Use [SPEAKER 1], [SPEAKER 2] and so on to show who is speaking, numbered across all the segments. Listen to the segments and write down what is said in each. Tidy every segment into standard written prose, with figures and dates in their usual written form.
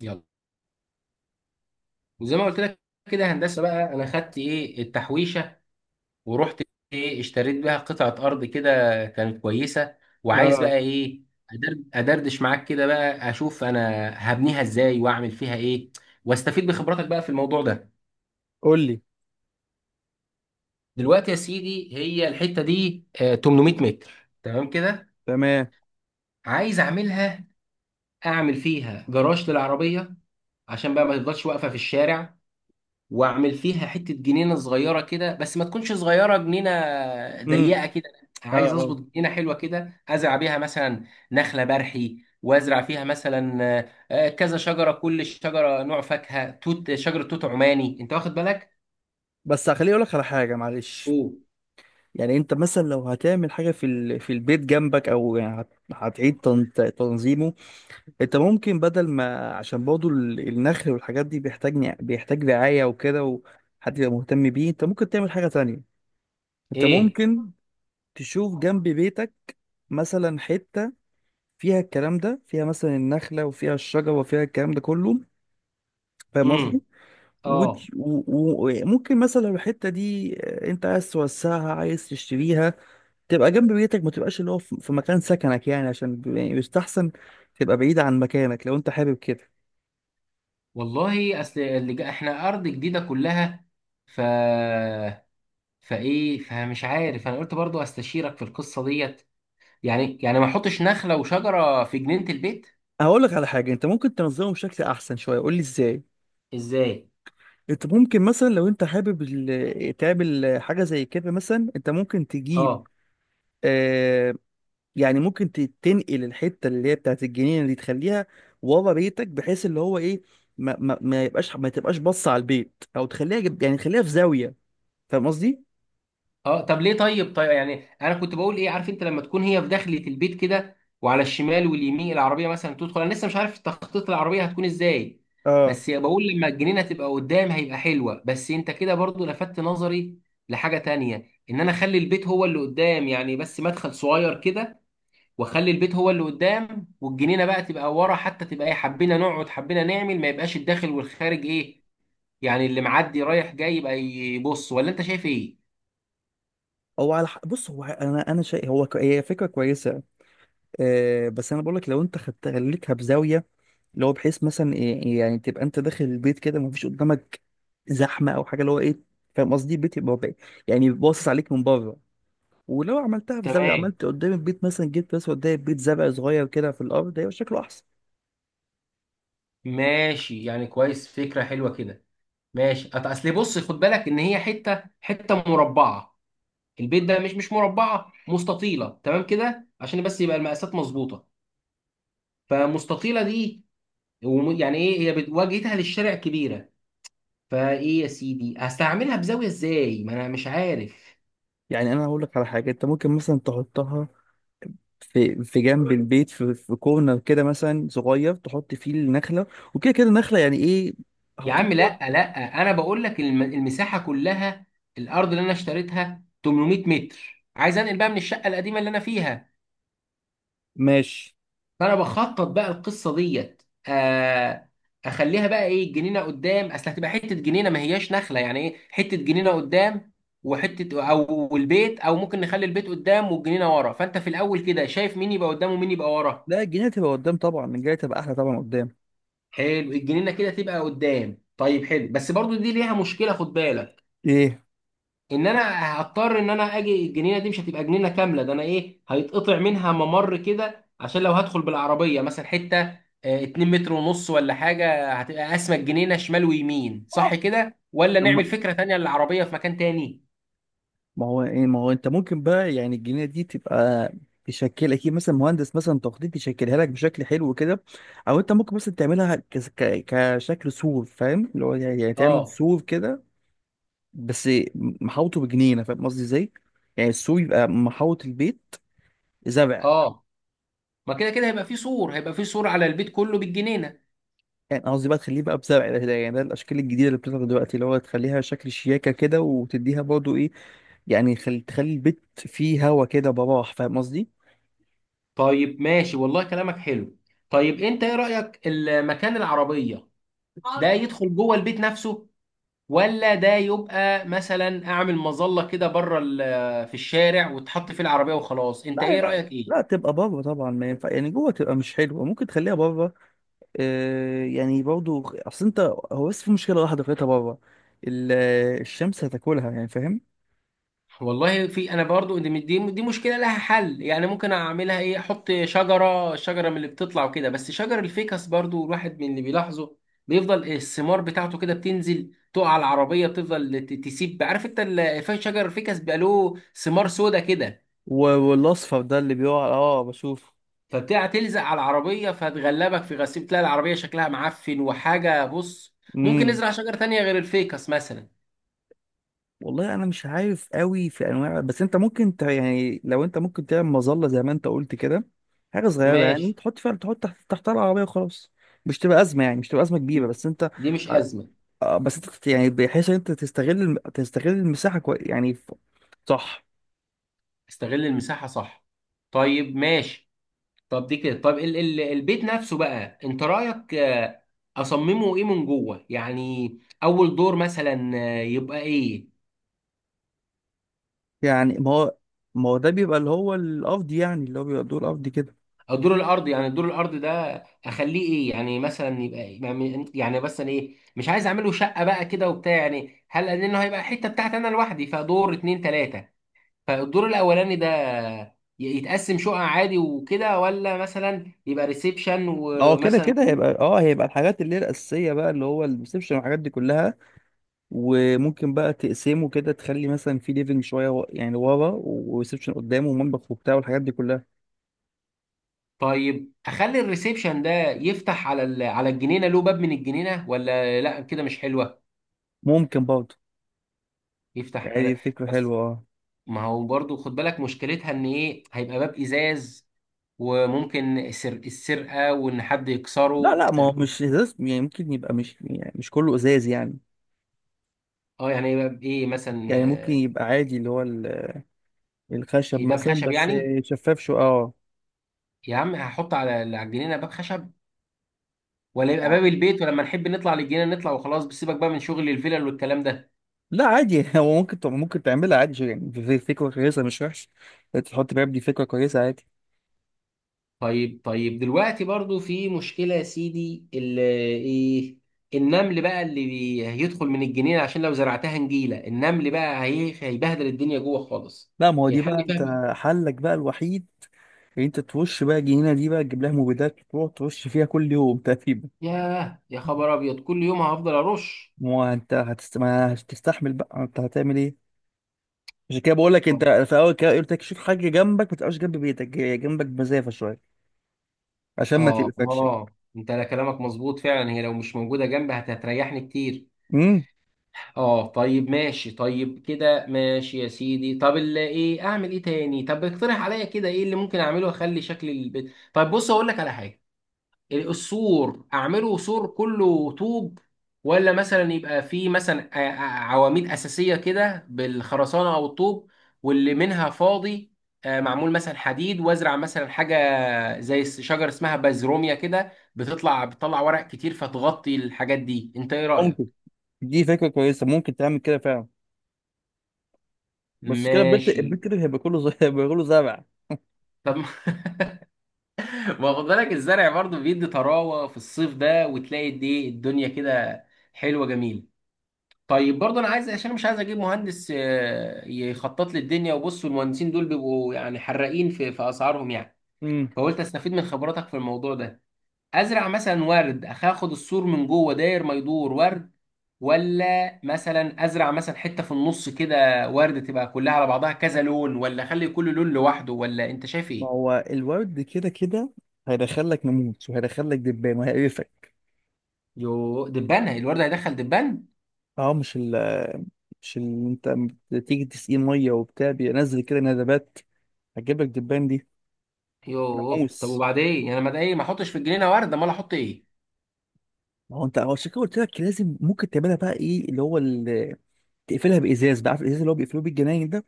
[SPEAKER 1] يلا، وزي ما قلت لك كده هندسه بقى. انا خدت ايه التحويشه ورحت ايه اشتريت بيها قطعه ارض كده. كانت كويسه. وعايز
[SPEAKER 2] اه
[SPEAKER 1] بقى ايه ادردش معاك كده بقى اشوف انا هبنيها ازاي واعمل فيها ايه، واستفيد بخبراتك بقى في الموضوع ده.
[SPEAKER 2] قول لي.
[SPEAKER 1] دلوقتي يا سيدي، هي الحته دي 800 متر. تمام كده.
[SPEAKER 2] تمام.
[SPEAKER 1] عايز اعملها، اعمل فيها جراج للعربيه عشان بقى ما تفضلش واقفه في الشارع. واعمل فيها حته جنينه صغيره كده، بس ما تكونش صغيره جنينه
[SPEAKER 2] امم
[SPEAKER 1] ضيقه كده.
[SPEAKER 2] اه
[SPEAKER 1] عايز
[SPEAKER 2] اه
[SPEAKER 1] اظبط جنينه حلوه كده، ازرع بيها مثلا نخله برحي، وازرع فيها مثلا كذا شجره، كل شجره نوع فاكهه. توت، شجره توت عماني، انت واخد بالك؟
[SPEAKER 2] بس خليني اقول لك على حاجه، معلش.
[SPEAKER 1] اوه.
[SPEAKER 2] يعني انت مثلا لو هتعمل حاجه في البيت جنبك، او يعني هتعيد تنظيمه، انت ممكن بدل ما، عشان برضه النخل والحاجات دي بيحتاج، بيحتاج رعايه وكده، وحد يبقى مهتم بيه. انت ممكن تعمل حاجه تانية. انت
[SPEAKER 1] ايه؟
[SPEAKER 2] ممكن تشوف جنب بيتك مثلا حته فيها الكلام ده، فيها مثلا النخله وفيها الشجره وفيها الكلام ده كله. فاهم
[SPEAKER 1] امم
[SPEAKER 2] قصدي؟
[SPEAKER 1] اه.
[SPEAKER 2] وت- و- و- وممكن مثلا لو الحتة دي، انت عايز توسعها، عايز تشتريها، تبقى جنب بيتك، ما تبقاش اللي هو في مكان سكنك، يعني عشان يعني بيستحسن تبقى بعيد عن مكانك لو انت حابب كده.
[SPEAKER 1] والله اصل اللي احنا ارض جديده كلها. ف فايه، فمش عارف، انا قلت برضو استشيرك في القصه ديت. يعني ما احطش نخله وشجره في جنينه البيت.
[SPEAKER 2] هقول لك على حاجة، انت ممكن تنظمه بشكل احسن شوية. قول لي ازاي.
[SPEAKER 1] ازاي؟
[SPEAKER 2] انت ممكن مثلا لو انت حابب تعمل حاجة زي كده. مثلا انت ممكن تجيب،
[SPEAKER 1] اه
[SPEAKER 2] آه، يعني ممكن تنقل الحته اللي هي بتاعت الجنينه دي، تخليها ورا بيتك، بحيث اللي هو ايه، ما تبقاش باصه على البيت، او تخليها يعني تخليها في زاويه. فاهم قصدي؟
[SPEAKER 1] اه. طب ليه؟ طيب طيب، يعني انا كنت بقول ايه، عارف انت لما تكون هي في داخلة البيت كده، وعلى الشمال واليمين العربية مثلا تدخل، انا لسه مش عارف تخطيط العربية هتكون ازاي.
[SPEAKER 2] اه،
[SPEAKER 1] بس بقول لما الجنينة تبقى قدام هيبقى حلوة. بس انت كده برضو لفتت نظري لحاجة تانية، ان انا اخلي البيت هو اللي قدام يعني، بس مدخل صغير كده، واخلي البيت هو اللي قدام والجنينة بقى تبقى ورا، حتى تبقى ايه حبينا نقعد حبينا نعمل ما يبقاش الداخل والخارج ايه، يعني اللي معدي رايح جاي يبقى يبص. ولا انت شايف ايه؟
[SPEAKER 2] هو على حق. بص، هو انا شيء، هي فكره كويسه. أه، بس انا بقول لك لو انت خدت، خليتها بزاويه، اللي هو بحيث مثلا يعني تبقى انت داخل البيت كده، ما فيش قدامك زحمه او حاجه، اللي هو ايه. فاهم قصدي؟ البيت يعني باصص عليك من بره. ولو عملتها في زاويه،
[SPEAKER 1] تمام.
[SPEAKER 2] عملت قدام البيت مثلا، جبت بس قدام البيت زرع صغير كده في الارض، هيبقى شكله احسن.
[SPEAKER 1] ماشي، يعني كويس، فكرة حلوة كده. ماشي. اصل بص خد بالك ان هي حتة حتة مربعة، البيت ده مش مربعة، مستطيلة تمام كده عشان بس يبقى المقاسات مظبوطة. فمستطيلة دي، يعني ايه، هي واجهتها للشارع كبيرة. فايه يا سيدي هستعملها بزاوية ازاي، ما انا مش عارف.
[SPEAKER 2] يعني انا هقول لك على حاجه، انت ممكن مثلا تحطها في جنب البيت، في كورنر كده مثلا صغير، تحط فيه النخله. وكده كده النخله يعني ايه،
[SPEAKER 1] يا عم
[SPEAKER 2] هتطول.
[SPEAKER 1] لا لا، انا بقول لك المساحة كلها، الارض اللي انا اشتريتها 800 متر، عايز انقل بقى من الشقة القديمة اللي انا فيها.
[SPEAKER 2] ماشي.
[SPEAKER 1] فانا بخطط بقى القصه ديت. آه، اخليها بقى ايه جنينه قدام، اصل هتبقى حته جنينه، ما هياش نخله يعني ايه، حته جنينه قدام، وحته او البيت، او ممكن نخلي البيت قدام والجنينه ورا. فانت في الاول كده شايف مين يبقى قدام ومين يبقى ورا؟
[SPEAKER 2] لا، الجنينه تبقى قدام طبعا، الجنينه تبقى احلى طبعا قدام.
[SPEAKER 1] حلو، الجنينه كده تبقى قدام. طيب، حلو. بس برضو دي ليها مشكله خد بالك،
[SPEAKER 2] ايه؟
[SPEAKER 1] ان انا هضطر ان انا اجي الجنينه دي مش هتبقى جنينه كامله، ده انا ايه هيتقطع منها ممر كده عشان لو هدخل بالعربيه مثلا حته 2 متر ونص ولا حاجه، هتبقى قاسمه الجنينه شمال ويمين. صح كده، ولا نعمل
[SPEAKER 2] لما،
[SPEAKER 1] فكره تانية للعربيه في مكان تاني؟
[SPEAKER 2] ما هو ايه، ما هو انت ممكن بقى يعني الجنيه دي تبقى، تشكل اكيد مثلا مهندس مثلا تخطيط يشكلها لك بشكل حلو كده. او انت ممكن مثلا تعملها ك- ك- كشكل سور. فاهم اللي هو يعني، يعني تعمل
[SPEAKER 1] اه
[SPEAKER 2] سور كده، بس محوطه بجنينه. فاهم قصدي ازاي؟ يعني السور يبقى محوط البيت زرع.
[SPEAKER 1] اه. ما كده كده هيبقى في سور، هيبقى في سور على البيت كله بالجنينه.
[SPEAKER 2] يعني قصدي بقى تخليه بقى بزرع يعني ده الاشكال الجديده اللي بتظهر دلوقتي، اللي هو تخليها شكل شياكه كده، وتديها برضه ايه، يعني تخلي البيت فيه هوا كده براح. فاهم قصدي؟
[SPEAKER 1] طيب ماشي، والله كلامك حلو. طيب انت ايه رايك، المكان العربيه ده يدخل جوه البيت نفسه، ولا ده يبقى مثلا اعمل مظله كده بره في الشارع وتحط فيه العربيه وخلاص؟ انت
[SPEAKER 2] لا،
[SPEAKER 1] ايه
[SPEAKER 2] يبقى،
[SPEAKER 1] رايك
[SPEAKER 2] لا
[SPEAKER 1] ايه؟
[SPEAKER 2] تبقى بره طبعا. ما ينفع يعني جوه، تبقى مش حلوه. ممكن تخليها بره. آه، يعني برضو اصل انت، هو بس في مشكله واحده خليتها بره، ال- الشمس هتاكلها يعني، فاهم؟
[SPEAKER 1] والله في، انا برضو دي مشكله لها حل يعني. ممكن اعملها ايه، احط شجره شجره من اللي بتطلع وكده، بس شجر الفيكس برضو الواحد من اللي بيلاحظه بيفضل الثمار بتاعته كده بتنزل تقع على العربيه، بتفضل تسيب، عارف انت شجر الفيكس بيبقى له ثمار سودا كده،
[SPEAKER 2] و- والاصفر ده اللي بيقع، اه بشوف.
[SPEAKER 1] فبتاع تلزق على العربية، فتغلبك في غسيل، تلاقي العربية شكلها معفن وحاجة بص. ممكن
[SPEAKER 2] امم.
[SPEAKER 1] نزرع شجرة تانية غير الفيكس مثلا.
[SPEAKER 2] والله انا مش عارف قوي في انواع، بس انت ممكن يعني لو انت ممكن تعمل مظله زي ما انت قلت كده، حاجه صغيره يعني،
[SPEAKER 1] ماشي.
[SPEAKER 2] تحط فيها، تحط تحتها العربيه وخلاص. مش تبقى ازمه يعني، مش تبقى ازمه كبيره،
[SPEAKER 1] م-
[SPEAKER 2] بس انت،
[SPEAKER 1] دي مش أزمة.
[SPEAKER 2] آه، بس انت يعني بحيث ان انت تستغل تستغل المساحه كويس يعني. صح.
[SPEAKER 1] استغل المساحة، صح. طيب ماشي. طب دي كده، طب ال البيت نفسه بقى انت رأيك، اصممه ايه من جوه يعني. اول دور مثلا يبقى ايه،
[SPEAKER 2] يعني ما هو، ما هو ده بيبقى اللي هو القفض يعني، اللي هو بيبقى الدور القفض كده.
[SPEAKER 1] او دور الارض، يعني دور الارض ده اخليه ايه يعني، مثلا يبقى، يعني مثلا ايه، مش عايز اعمله شقه بقى كده وبتاع، يعني هل لانه هيبقى حته بتاعتي انا لوحدي، فدور اتنين تلاته، فالدور الاولاني ده يتقسم شقق عادي وكده، ولا مثلا يبقى ريسبشن
[SPEAKER 2] ما هو كده كده
[SPEAKER 1] ومثلا.
[SPEAKER 2] هيبقى، اه، هيبقى الحاجات اللي هي الاساسيه بقى، اللي هو الريسبشن والحاجات دي كلها. وممكن بقى تقسمه كده، تخلي مثلا في ليفنج شويه يعني ورا، وريسبشن قدامه، ومطبخ وبتاع والحاجات دي كلها.
[SPEAKER 1] طيب اخلي الريسبشن ده يفتح على على الجنينه، له باب من الجنينه، ولا لا كده مش حلوه؟
[SPEAKER 2] ممكن برضه،
[SPEAKER 1] يفتح
[SPEAKER 2] يعني دي
[SPEAKER 1] على.
[SPEAKER 2] فكره
[SPEAKER 1] بس
[SPEAKER 2] حلوه اه.
[SPEAKER 1] ما هو برضو خد بالك مشكلتها ان ايه، هيبقى باب ازاز، وممكن السرقه، وان حد
[SPEAKER 2] لا
[SPEAKER 1] يكسره.
[SPEAKER 2] لا، ما هو مش ازاز يعني، ممكن يبقى مش يعني مش كله ازاز يعني.
[SPEAKER 1] اه يعني ايه باب، ايه مثلا
[SPEAKER 2] يعني ممكن يبقى عادي اللي هو الخشب
[SPEAKER 1] ايه باب
[SPEAKER 2] مثلا،
[SPEAKER 1] خشب
[SPEAKER 2] بس
[SPEAKER 1] يعني؟
[SPEAKER 2] شفاف شو، اه.
[SPEAKER 1] يا عم هحط على الجنينه باب خشب، ولا يبقى
[SPEAKER 2] اه،
[SPEAKER 1] باب البيت ولما نحب نطلع للجنينه نطلع وخلاص، بس سيبك بقى من شغل الفلل والكلام ده.
[SPEAKER 2] لا عادي هو ممكن ممكن تعملها عادي، يعني في فكرة كويسة مش وحش. إنت تحط باب، دي فكرة كويسة عادي.
[SPEAKER 1] طيب طيب، دلوقتي برضو في مشكله يا سيدي ايه، النمل بقى اللي هيدخل من الجنينه، عشان لو زرعتها نجيله، النمل بقى هيبهدل الدنيا جوه خالص.
[SPEAKER 2] لا، ما هو دي
[SPEAKER 1] الحل
[SPEAKER 2] بقى انت
[SPEAKER 1] فيها؟
[SPEAKER 2] حلك بقى الوحيد، ان انت تخش بقى الجنينة دي، بقى تجيب لها مبيدات وتروح تخش فيها كل يوم تقريبا.
[SPEAKER 1] ياه يا خبر ابيض، كل يوم هفضل ارش؟
[SPEAKER 2] ما هو انت ما هتستحمل بقى، انت هتعمل ايه؟ عشان كده بقول لك انت،
[SPEAKER 1] طيب.
[SPEAKER 2] في اول كده قلت لك شوف حاجة جنبك، ما تبقاش جنب بيتك، جنبك بمسافة شوية، عشان ما
[SPEAKER 1] اه
[SPEAKER 2] تبقاش يعني.
[SPEAKER 1] اه، انت لا كلامك مظبوط فعلا، هي لو مش موجوده جنبي هتريحني كتير.
[SPEAKER 2] امم.
[SPEAKER 1] اه طيب ماشي، طيب كده ماشي يا سيدي، طب اللي ايه، اعمل ايه تاني؟ طب اقترح عليا كده ايه اللي ممكن اعمله اخلي شكل البيت؟ طيب بص اقول لك على حاجه، السور اعمله سور كله طوب، ولا مثلا يبقى فيه مثلا عواميد اساسيه كده بالخرسانه او الطوب، واللي منها فاضي معمول مثلا حديد، وازرع مثلا حاجه زي شجره اسمها بازروميا كده بتطلع بتطلع ورق كتير فتغطي الحاجات دي، انت ايه رايك؟
[SPEAKER 2] ممكن، دي فكرة كويسة، ممكن تعمل كده فعلا. بس كده البيت،
[SPEAKER 1] ماشي.
[SPEAKER 2] البيت كده هيبقى كله هيبقى كله زرع.
[SPEAKER 1] طب ما ما خد بالك الزرع برضه بيدي طراوه في الصيف ده، وتلاقي دي الدنيا كده حلوه جميله. طيب برضه انا عايز عشان مش عايز اجيب مهندس يخطط لي الدنيا، وبص المهندسين دول بيبقوا يعني حراقين في اسعارهم يعني،
[SPEAKER 2] امم.
[SPEAKER 1] فقلت استفيد من خبراتك في الموضوع ده. ازرع مثلا ورد، اخد السور من جوه داير ما يدور ورد، ولا مثلا ازرع مثلا حته في النص كده ورد، تبقى كلها على بعضها كذا لون، ولا اخلي كل لون لوحده؟ ولا انت شايف
[SPEAKER 2] ما
[SPEAKER 1] ايه؟
[SPEAKER 2] هو الورد كده كده هيدخل لك ناموس، وهيدخل لك دبان، وهيقرفك.
[SPEAKER 1] يوه، دبان الورد هيدخل دبان؟
[SPEAKER 2] اه، مش اللي انت، أما تيجي تسقيه ميه وبتاع، بينزل كده ندبات، هتجيب لك دبان دي.
[SPEAKER 1] يوه، طب
[SPEAKER 2] ناموس.
[SPEAKER 1] وبعدين يعني، ما ده ايه، ما احطش في الجنينه ورد، امال احط ايه؟
[SPEAKER 2] ما هو انت، هو عشان كده قلت لك لازم، ممكن تعملها بقى ايه اللي هو تقفلها بازاز بقى. عارف الازاز اللي هو بيقفلوه بالجناين ده؟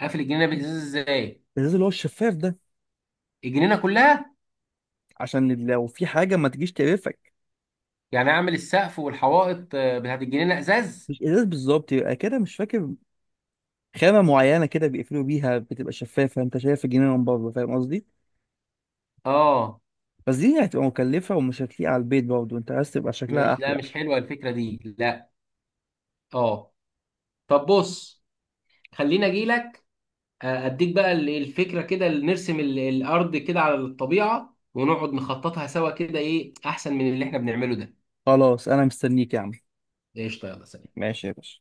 [SPEAKER 1] اقفل الجنينه بالازاز ازاي؟
[SPEAKER 2] الازاز اللي هو الشفاف ده،
[SPEAKER 1] الجنينه كلها؟
[SPEAKER 2] عشان لو في حاجه ما تجيش تقرفك.
[SPEAKER 1] يعني اعمل السقف والحوائط بتاعت الجنينه ازاز؟
[SPEAKER 2] مش ازاز بالظبط، يبقى كده مش فاكر، خامة معينة كده بيقفلوا بيها، بتبقى شفافة انت شايف الجنينة من بره. فاهم قصدي؟
[SPEAKER 1] اه.
[SPEAKER 2] بس دي هتبقى مكلفة، ومش هتليق على البيت برضه، انت عايز تبقى شكلها
[SPEAKER 1] مش، لا
[SPEAKER 2] أحلى.
[SPEAKER 1] مش حلوه الفكره دي، لا. اه. طب بص، خليني اجي لك اديك بقى الفكره كده، اللي نرسم الارض كده على الطبيعه ونقعد نخططها سوا كده، ايه احسن من اللي احنا بنعمله ده.
[SPEAKER 2] خلاص أنا مستنيك يا عم.
[SPEAKER 1] قشطه، يلا سلام.
[SPEAKER 2] ماشي يا باشا.